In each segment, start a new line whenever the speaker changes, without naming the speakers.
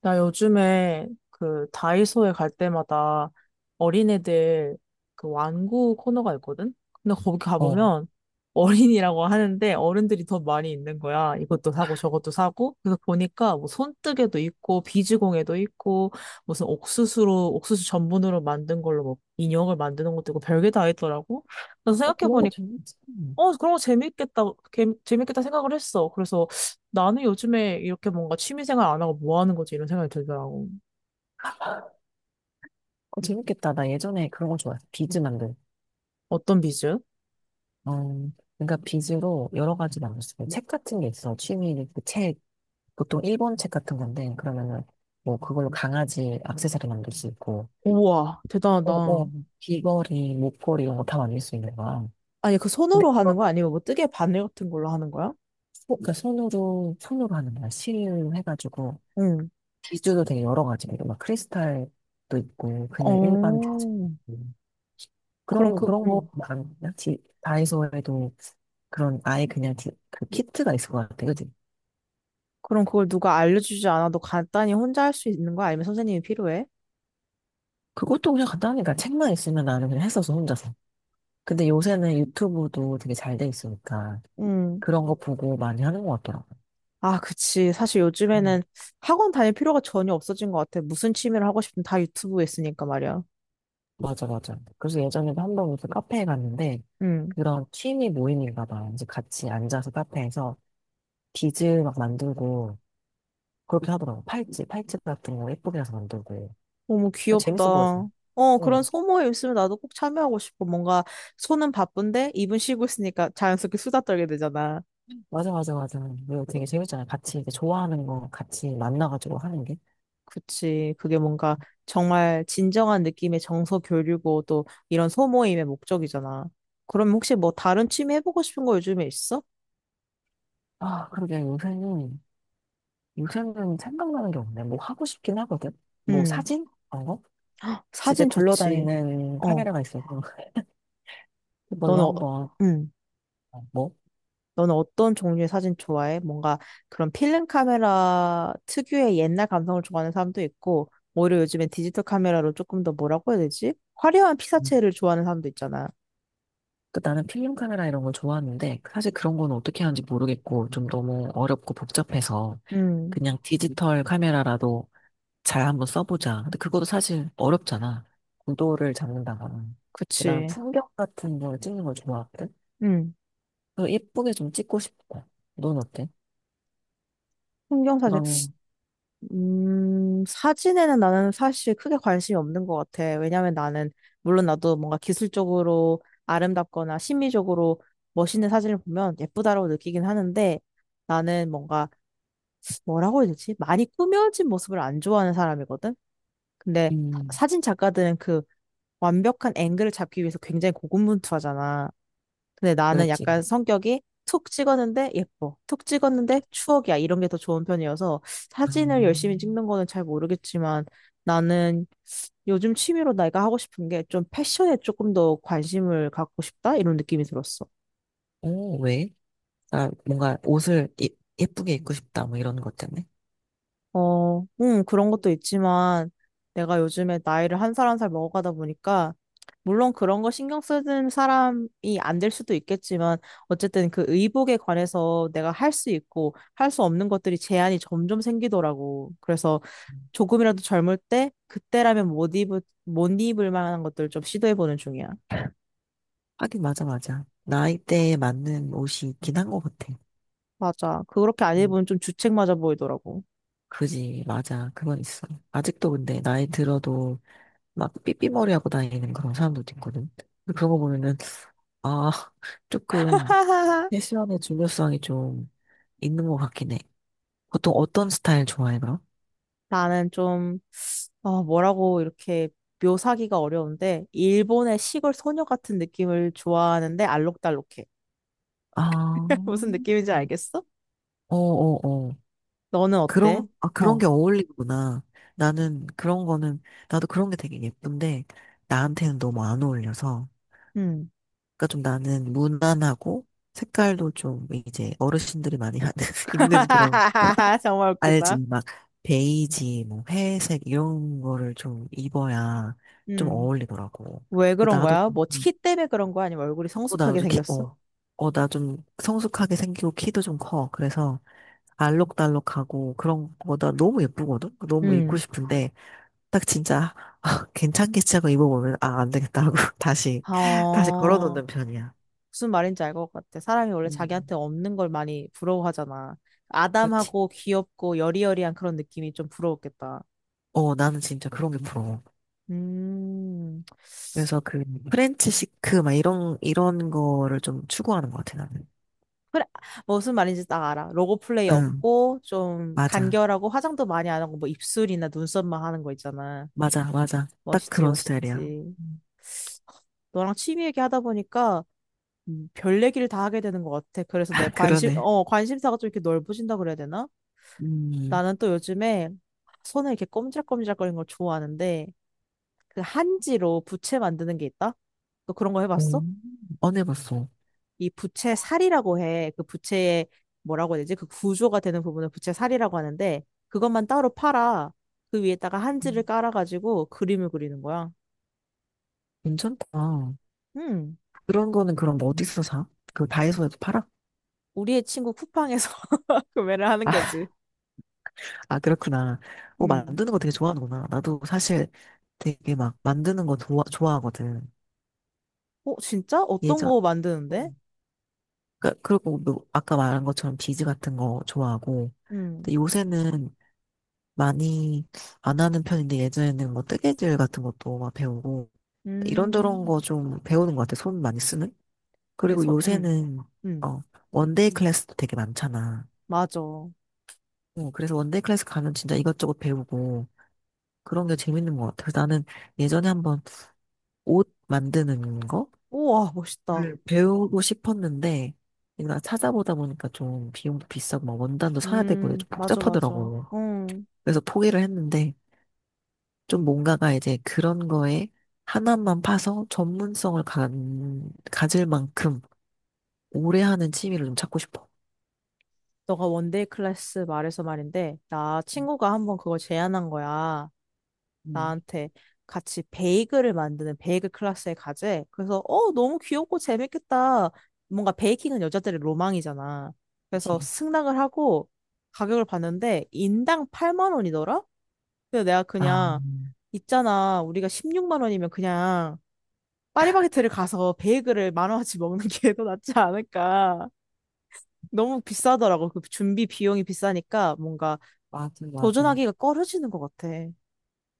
나 요즘에 그 다이소에 갈 때마다 어린애들 그 완구 코너가 있거든? 근데 거기
어.
가보면 어린이라고 하는데 어른들이 더 많이 있는 거야. 이것도 사고 저것도 사고. 그래서 보니까 뭐 손뜨개도 있고 비즈공예도 있고 무슨 옥수수로 옥수수 전분으로 만든 걸로 뭐 인형을 만드는 것도 있고 별게 다 있더라고. 그래서
어, 그런 거
생각해보니까
재밌지.
어, 그런 거 재밌겠다, 재밌겠다 생각을 했어. 그래서 나는 요즘에 이렇게 뭔가 취미생활 안 하고 뭐 하는 거지? 이런 생각이 들더라고.
어, 재밌겠다. 나 예전에 그런 거 좋아했어. 비즈 만들.
어떤 비즈?
어, 그러니까 비즈로 여러 가지 만들 수 있어. 책 같은 게 있어. 취미, 그 책, 보통 일본 책 같은 건데, 그러면은, 뭐, 그걸로 강아지 액세서리 만들 수 있고,
우와,
어,
대단하다.
어, 귀걸이, 목걸이 이런 거 다 만들 수 있는 거야.
아니, 그
근데
손으로 하는
그거,
거 아니면 뭐 뜨개 바늘 같은 걸로 하는 거야?
그러니까 손으로, 하는 거야. 실을 해가지고,
응.
비즈도 되게 여러 가지. 막 크리스탈도 있고, 그냥 일반
어,
비즈.
그럼 그,
그런 거
응.
많냐? 다이소에도 그런 아예 그냥 그 키트가 있을 것 같아. 그지?
그럼 그걸 누가 알려주지 않아도 간단히 혼자 할 수 있는 거야? 아니면 선생님이 필요해?
그것도 그냥 간단하니까 책만 있으면 나는 그냥 했어서 혼자서. 근데 요새는 유튜브도 되게 잘 돼 있으니까
응.
그런 거 보고 많이 하는 것 같더라고.
아, 그치. 사실
음,
요즘에는 학원 다닐 필요가 전혀 없어진 것 같아. 무슨 취미를 하고 싶든 다 유튜브에 있으니까 말이야.
맞아, 맞아. 그래서 예전에도 한 번 무슨 카페에 갔는데
응.
그런 취미 모임인가 봐. 이제 같이 앉아서 카페에서 빚을 막 만들고 그렇게 하더라고. 팔찌 같은 거 예쁘게 해서 만들고.
너무 귀엽다.
재밌어 보였어.
어, 그런 소모임 있으면 나도 꼭 참여하고 싶어. 뭔가 손은 바쁜데 입은 쉬고 있으니까 자연스럽게 수다 떨게 되잖아.
맞아, 맞아, 맞아. 이거 되게 재밌잖아. 같이 이제 좋아하는 거 같이 만나가지고 하는 게.
그치. 그게 뭔가 정말 진정한 느낌의 정서 교류고 또 이런 소모임의 목적이잖아. 그럼 혹시 뭐 다른 취미 해보고 싶은 거 요즘에 있어?
아, 그러게 요새는, 생각나는 게 없네. 뭐 하고 싶긴 하거든. 뭐
응.
사진? 그런 거? 집에
사진 좋지.
굴러다니는
어.
카메라가 있어서 그걸로
너는
한번,
응.
어, 뭐?
너는 어떤 종류의 사진 좋아해? 뭔가 그런 필름 카메라 특유의 옛날 감성을 좋아하는 사람도 있고, 오히려 요즘엔 디지털 카메라로 조금 더 뭐라고 해야 되지? 화려한
음.
피사체를 좋아하는 사람도 있잖아.
그 나는 필름 카메라 이런 걸 좋아하는데 사실 그런 건 어떻게 하는지 모르겠고 좀 너무 어렵고 복잡해서
음,
그냥 디지털 카메라라도 잘 한번 써보자. 근데 그것도 사실 어렵잖아. 구도를 잡는다거나. 그다음
그치.
풍경 같은 걸 찍는 걸 좋아하거든.
음,
그래서 예쁘게 좀 찍고 싶어. 넌 어때?
풍경 사진.
그럼,
사진에는 나는 사실 크게 관심이 없는 것 같아. 왜냐면 나는, 물론 나도 뭔가 기술적으로 아름답거나 심미적으로 멋있는 사진을 보면 예쁘다라고 느끼긴 하는데, 나는 뭔가 뭐라고 해야 되지? 많이 꾸며진 모습을 안 좋아하는 사람이거든? 근데
음,
사진 작가들은 그 완벽한 앵글을 잡기 위해서 굉장히 고군분투하잖아. 근데 나는
그렇지.
약간 성격이 툭 찍었는데 예뻐. 툭 찍었는데 추억이야. 이런 게 더 좋은 편이어서 사진을 열심히
음,
찍는 거는 잘 모르겠지만 나는 요즘 취미로 내가 하고 싶은 게 좀 패션에 조금 더 관심을 갖고 싶다? 이런 느낌이 들었어.
오, 왜? 아, 뭔가 옷을 예쁘게 입고 싶다. 뭐 이런 것 때문에.
어, 그런 것도 있지만 내가 요즘에 나이를 한 살 한 살 먹어가다 보니까 물론 그런 거 신경 쓰는 사람이 안 될 수도 있겠지만 어쨌든 그 의복에 관해서 내가 할 수 있고 할 수 없는 것들이 제한이 점점 생기더라고. 그래서 조금이라도 젊을 때 그때라면 못 입을 만한 것들 좀 시도해보는 중이야.
하긴, 맞아, 맞아. 나이대에 맞는 옷이 있긴 한 것 같아.
맞아. 그렇게 안
음,
입으면 좀 주책 맞아 보이더라고.
그지, 맞아. 그건 있어. 아직도 근데 나이 들어도 막 삐삐머리하고 다니는 그런 사람들도 있거든. 근데 그런 거 보면은 아, 조금 패션의 중요성이 좀 있는 것 같긴 해. 보통 어떤 스타일 좋아해, 그럼?
나는 좀 아, 뭐라고 이렇게 묘사하기가 어려운데, 일본의 시골 소녀 같은 느낌을 좋아하는데, 알록달록해.
아,
무슨 느낌인지
음.
알겠어?
어, 어, 어.
너는 어때?
아, 그런
어,
게 어울리구나. 나는 그런 거는, 나도 그런 게 되게 예쁜데, 나한테는 너무 안 어울려서.
음.
그러니까 좀 나는 무난하고, 색깔도 좀 이제 어르신들이 많이 하는, 입는 그런.
정말
알지?
웃기다.
막 베이지, 뭐 회색 이런 거를 좀 입어야 좀
음.
어울리더라고.
왜
그
그런
나도
거야? 뭐,
음.
키 때문에 그런 거야? 아니면 얼굴이
어, 나도
성숙하게
좀 키,
생겼어?
어, 어, 나 좀 성숙하게 생기고 키도 좀 커. 그래서 알록달록하고 그런 거나 너무 예쁘거든? 너무 입고
음.
싶은데 딱 진짜 아, 괜찮겠지 하고 입어보면 아, 안 되겠다 하고 다시
어,
걸어놓는 편이야.
무슨 말인지 알 것 같아. 사람이 원래
음,
자기한테 없는 걸 많이 부러워하잖아.
그렇지.
아담하고 귀엽고 여리여리한 그런 느낌이 좀 부러웠겠다.
어, 나는 진짜 그런 게 부러워.
음.
그래서 그 프렌치 시크 막 이런 거를 좀 추구하는 것 같아 나는.
그래, 무슨 말인지 딱 알아. 로고 플레이
응,
없고, 좀
맞아,
간결하고, 화장도 많이 안 하고, 뭐 입술이나 눈썹만 하는 거 있잖아.
맞아, 맞아. 딱
멋있지,
그런 스타일이야.
멋있지.
음.
너랑 취미 얘기하다 보니까 별 얘기를 다 하게 되는 것 같아. 그래서 내 관심,
그러네.
어, 관심사가 좀 이렇게 넓어진다 그래야 되나?
음,
나는 또 요즘에 손을 이렇게 꼼지락꼼지락거리는 걸 좋아하는데, 그 한지로 부채 만드는 게 있다? 너 그런 거 해봤어?
음. 안 해봤어.
이 부채 살이라고 해. 그 부채의 뭐라고 해야 되지? 그 구조가 되는 부분을 부채 살이라고 하는데 그것만 따로 팔아. 그 위에다가 한지를
음,
깔아가지고 그림을 그리는 거야.
괜찮다.
음,
그런 거는 그럼 뭐 어디서 사? 그 다이소에도 팔아?
우리의 친구 쿠팡에서 구매를 하는
아,
거지.
아, 그렇구나. 어,
음.
만드는 거 되게 좋아하는구나. 나도 사실 되게 막 만드는 거 좋아하거든.
어, 진짜? 어떤
예전,
거 만드는데?
음. 그리고 뭐 아까 말한 것처럼 비즈 같은 거 좋아하고.
음.
근데 요새는 많이 안 하는 편인데 예전에는 뭐 뜨개질 같은 것도 막 배우고 이런저런
음.
거 좀 배우는 것 같아. 손 많이 쓰는? 그리고
그래서
요새는
음.
어, 원데이 클래스도 되게 많잖아.
맞아.
어, 그래서 원데이 클래스 가면 진짜 이것저것 배우고 그런 게 재밌는 것 같아. 그래서 나는 예전에 한번 옷 만드는 거
우와, 멋있다.
배우고 싶었는데 내가 찾아보다 보니까 좀 비용도 비싸고 막 원단도 사야 되고
음.
좀
맞아, 맞아.
복잡하더라고.
음.
그래서 포기를 했는데 좀 뭔가가 이제 그런 거에 하나만 파서 전문성을 가질 만큼 오래 하는 취미를 좀 찾고 싶어.
너가 원데이 클래스 말해서 말인데, 나 친구가 한번 그걸 제안한 거야.
음,
나한테 같이 베이글을 만드는 베이글 클래스에 가재. 그래서 어 너무 귀엽고 재밌겠다. 뭔가 베이킹은 여자들의 로망이잖아. 그래서
그치.
승낙을 하고 가격을 봤는데 인당 8만 원이더라? 근데 내가
아,
그냥 있잖아 우리가 16만 원이면 그냥 파리바게트를 가서 베이글을 만 원어치 먹는 게 더 낫지 않을까. 너무 비싸더라고. 그 준비 비용이 비싸니까 뭔가
맞아, 맞아.
도전하기가 꺼려지는 것 같아.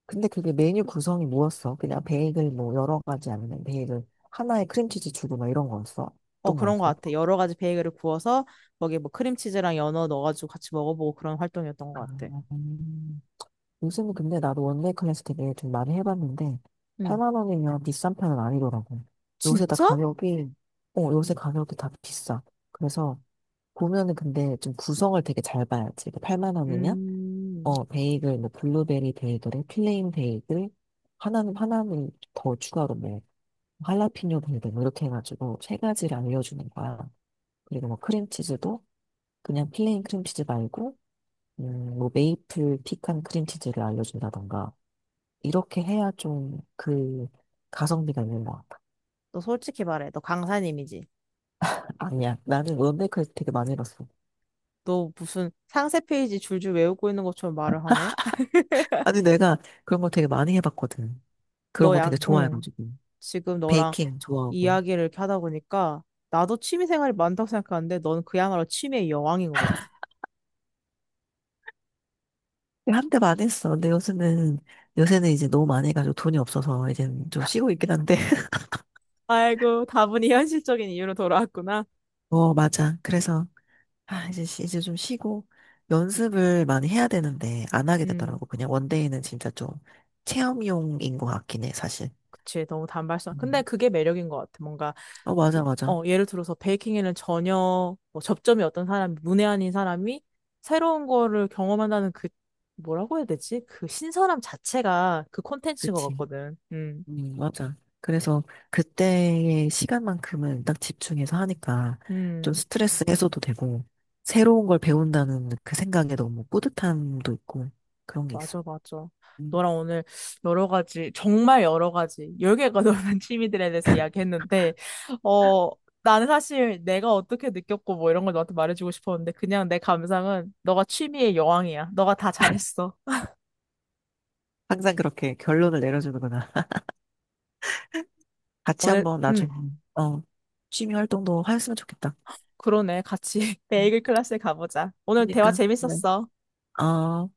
근데 그게 메뉴 구성이 뭐였어? 그냥 베이글 뭐 여러 가지 아니면 베이글 하나에 크림치즈 주고 막 이런 거였어?
어,
어떤
그런 것
거였어?
같아. 여러 가지 베이글을 구워서 거기에 뭐 크림치즈랑 연어 넣어가지고 같이 먹어보고 그런 활동이었던
아,
것 같아.
음. 요즘은 근데 나도 원데이 클래스 되게 좀 많이 해봤는데
응.
8만 원이면 비싼 편은 아니더라고. 요새 다
진짜?
가격이 어 요새 가격이 다 비싸. 그래서 보면은 근데 좀 구성을 되게 잘 봐야지. 8만 원이면
음.
베이글 뭐 블루베리 베이글에 플레인 베이글 하나는 더 추가로 뭐 할라피뇨 베이글 뭐 이렇게 해가지고 세 가지를 알려주는 거야. 그리고 뭐 크림치즈도 그냥 플레인 크림치즈 말고 뭐 메이플 피칸 크림치즈를 알려준다던가 이렇게 해야 좀 그 가성비가 있는 것 같아.
너 솔직히 말해. 너 강사님이지.
아니야, 나는 런데크에서 되게 많이 해봤어.
너 무슨 상세 페이지 줄줄 외우고 있는 것처럼 말을 하네?
아니 내가 그런 거 되게 많이 해봤거든. 그런 거 되게
응.
좋아해가지고.
지금 너랑
베이킹 좋아하고.
이야기를 이렇게 하다 보니까 나도 취미 생활이 많다고 생각하는데 넌 그야말로 취미의 여왕인 것 같아.
한때 많이 했어. 근데 요새는, 이제 너무 많이 해가지고 돈이 없어서 이제 좀 쉬고 있긴 한데.
아이고, 다분히 현실적인 이유로 돌아왔구나.
어, 맞아. 그래서, 아, 이제, 이제 좀 쉬고 연습을 많이 해야 되는데 안 하게
음,
되더라고. 그냥 원데이는 진짜 좀 체험용인 것 같긴 해, 사실.
그치. 너무 단발성. 근데
음.
그게 매력인 것 같아. 뭔가
어, 맞아, 맞아.
어, 예를 들어서 베이킹에는 전혀 뭐 접점이 어떤 사람이, 문외한인 사람이 새로운 거를 경험한다는 그, 뭐라고 해야 되지? 그 신선함 자체가 그 콘텐츠인 것
그치.
같거든.
맞아. 그래서 그때의 시간만큼은 딱 집중해서 하니까 좀
음,
스트레스 해소도 되고, 새로운 걸 배운다는 그 생각에 너무 뿌듯함도 있고, 그런 게 있어.
맞아, 맞아.
음.
너랑 오늘 여러 가지, 정말 여러 가지, 열 개가 넘는 취미들에 대해서 이야기했는데, 어, 나는 사실 내가 어떻게 느꼈고 뭐 이런 걸 너한테 말해주고 싶었는데, 그냥 내 감상은 너가 취미의 여왕이야. 너가 다 잘했어.
항상 그렇게 결론을 내려주는구나. 같이
오늘,
한번 나중에, 어, 취미 활동도 하였으면 좋겠다.
그러네. 같이
음.
베이글 클래스에 가보자. 오늘 대화
그러니까. 그래.
재밌었어.
어.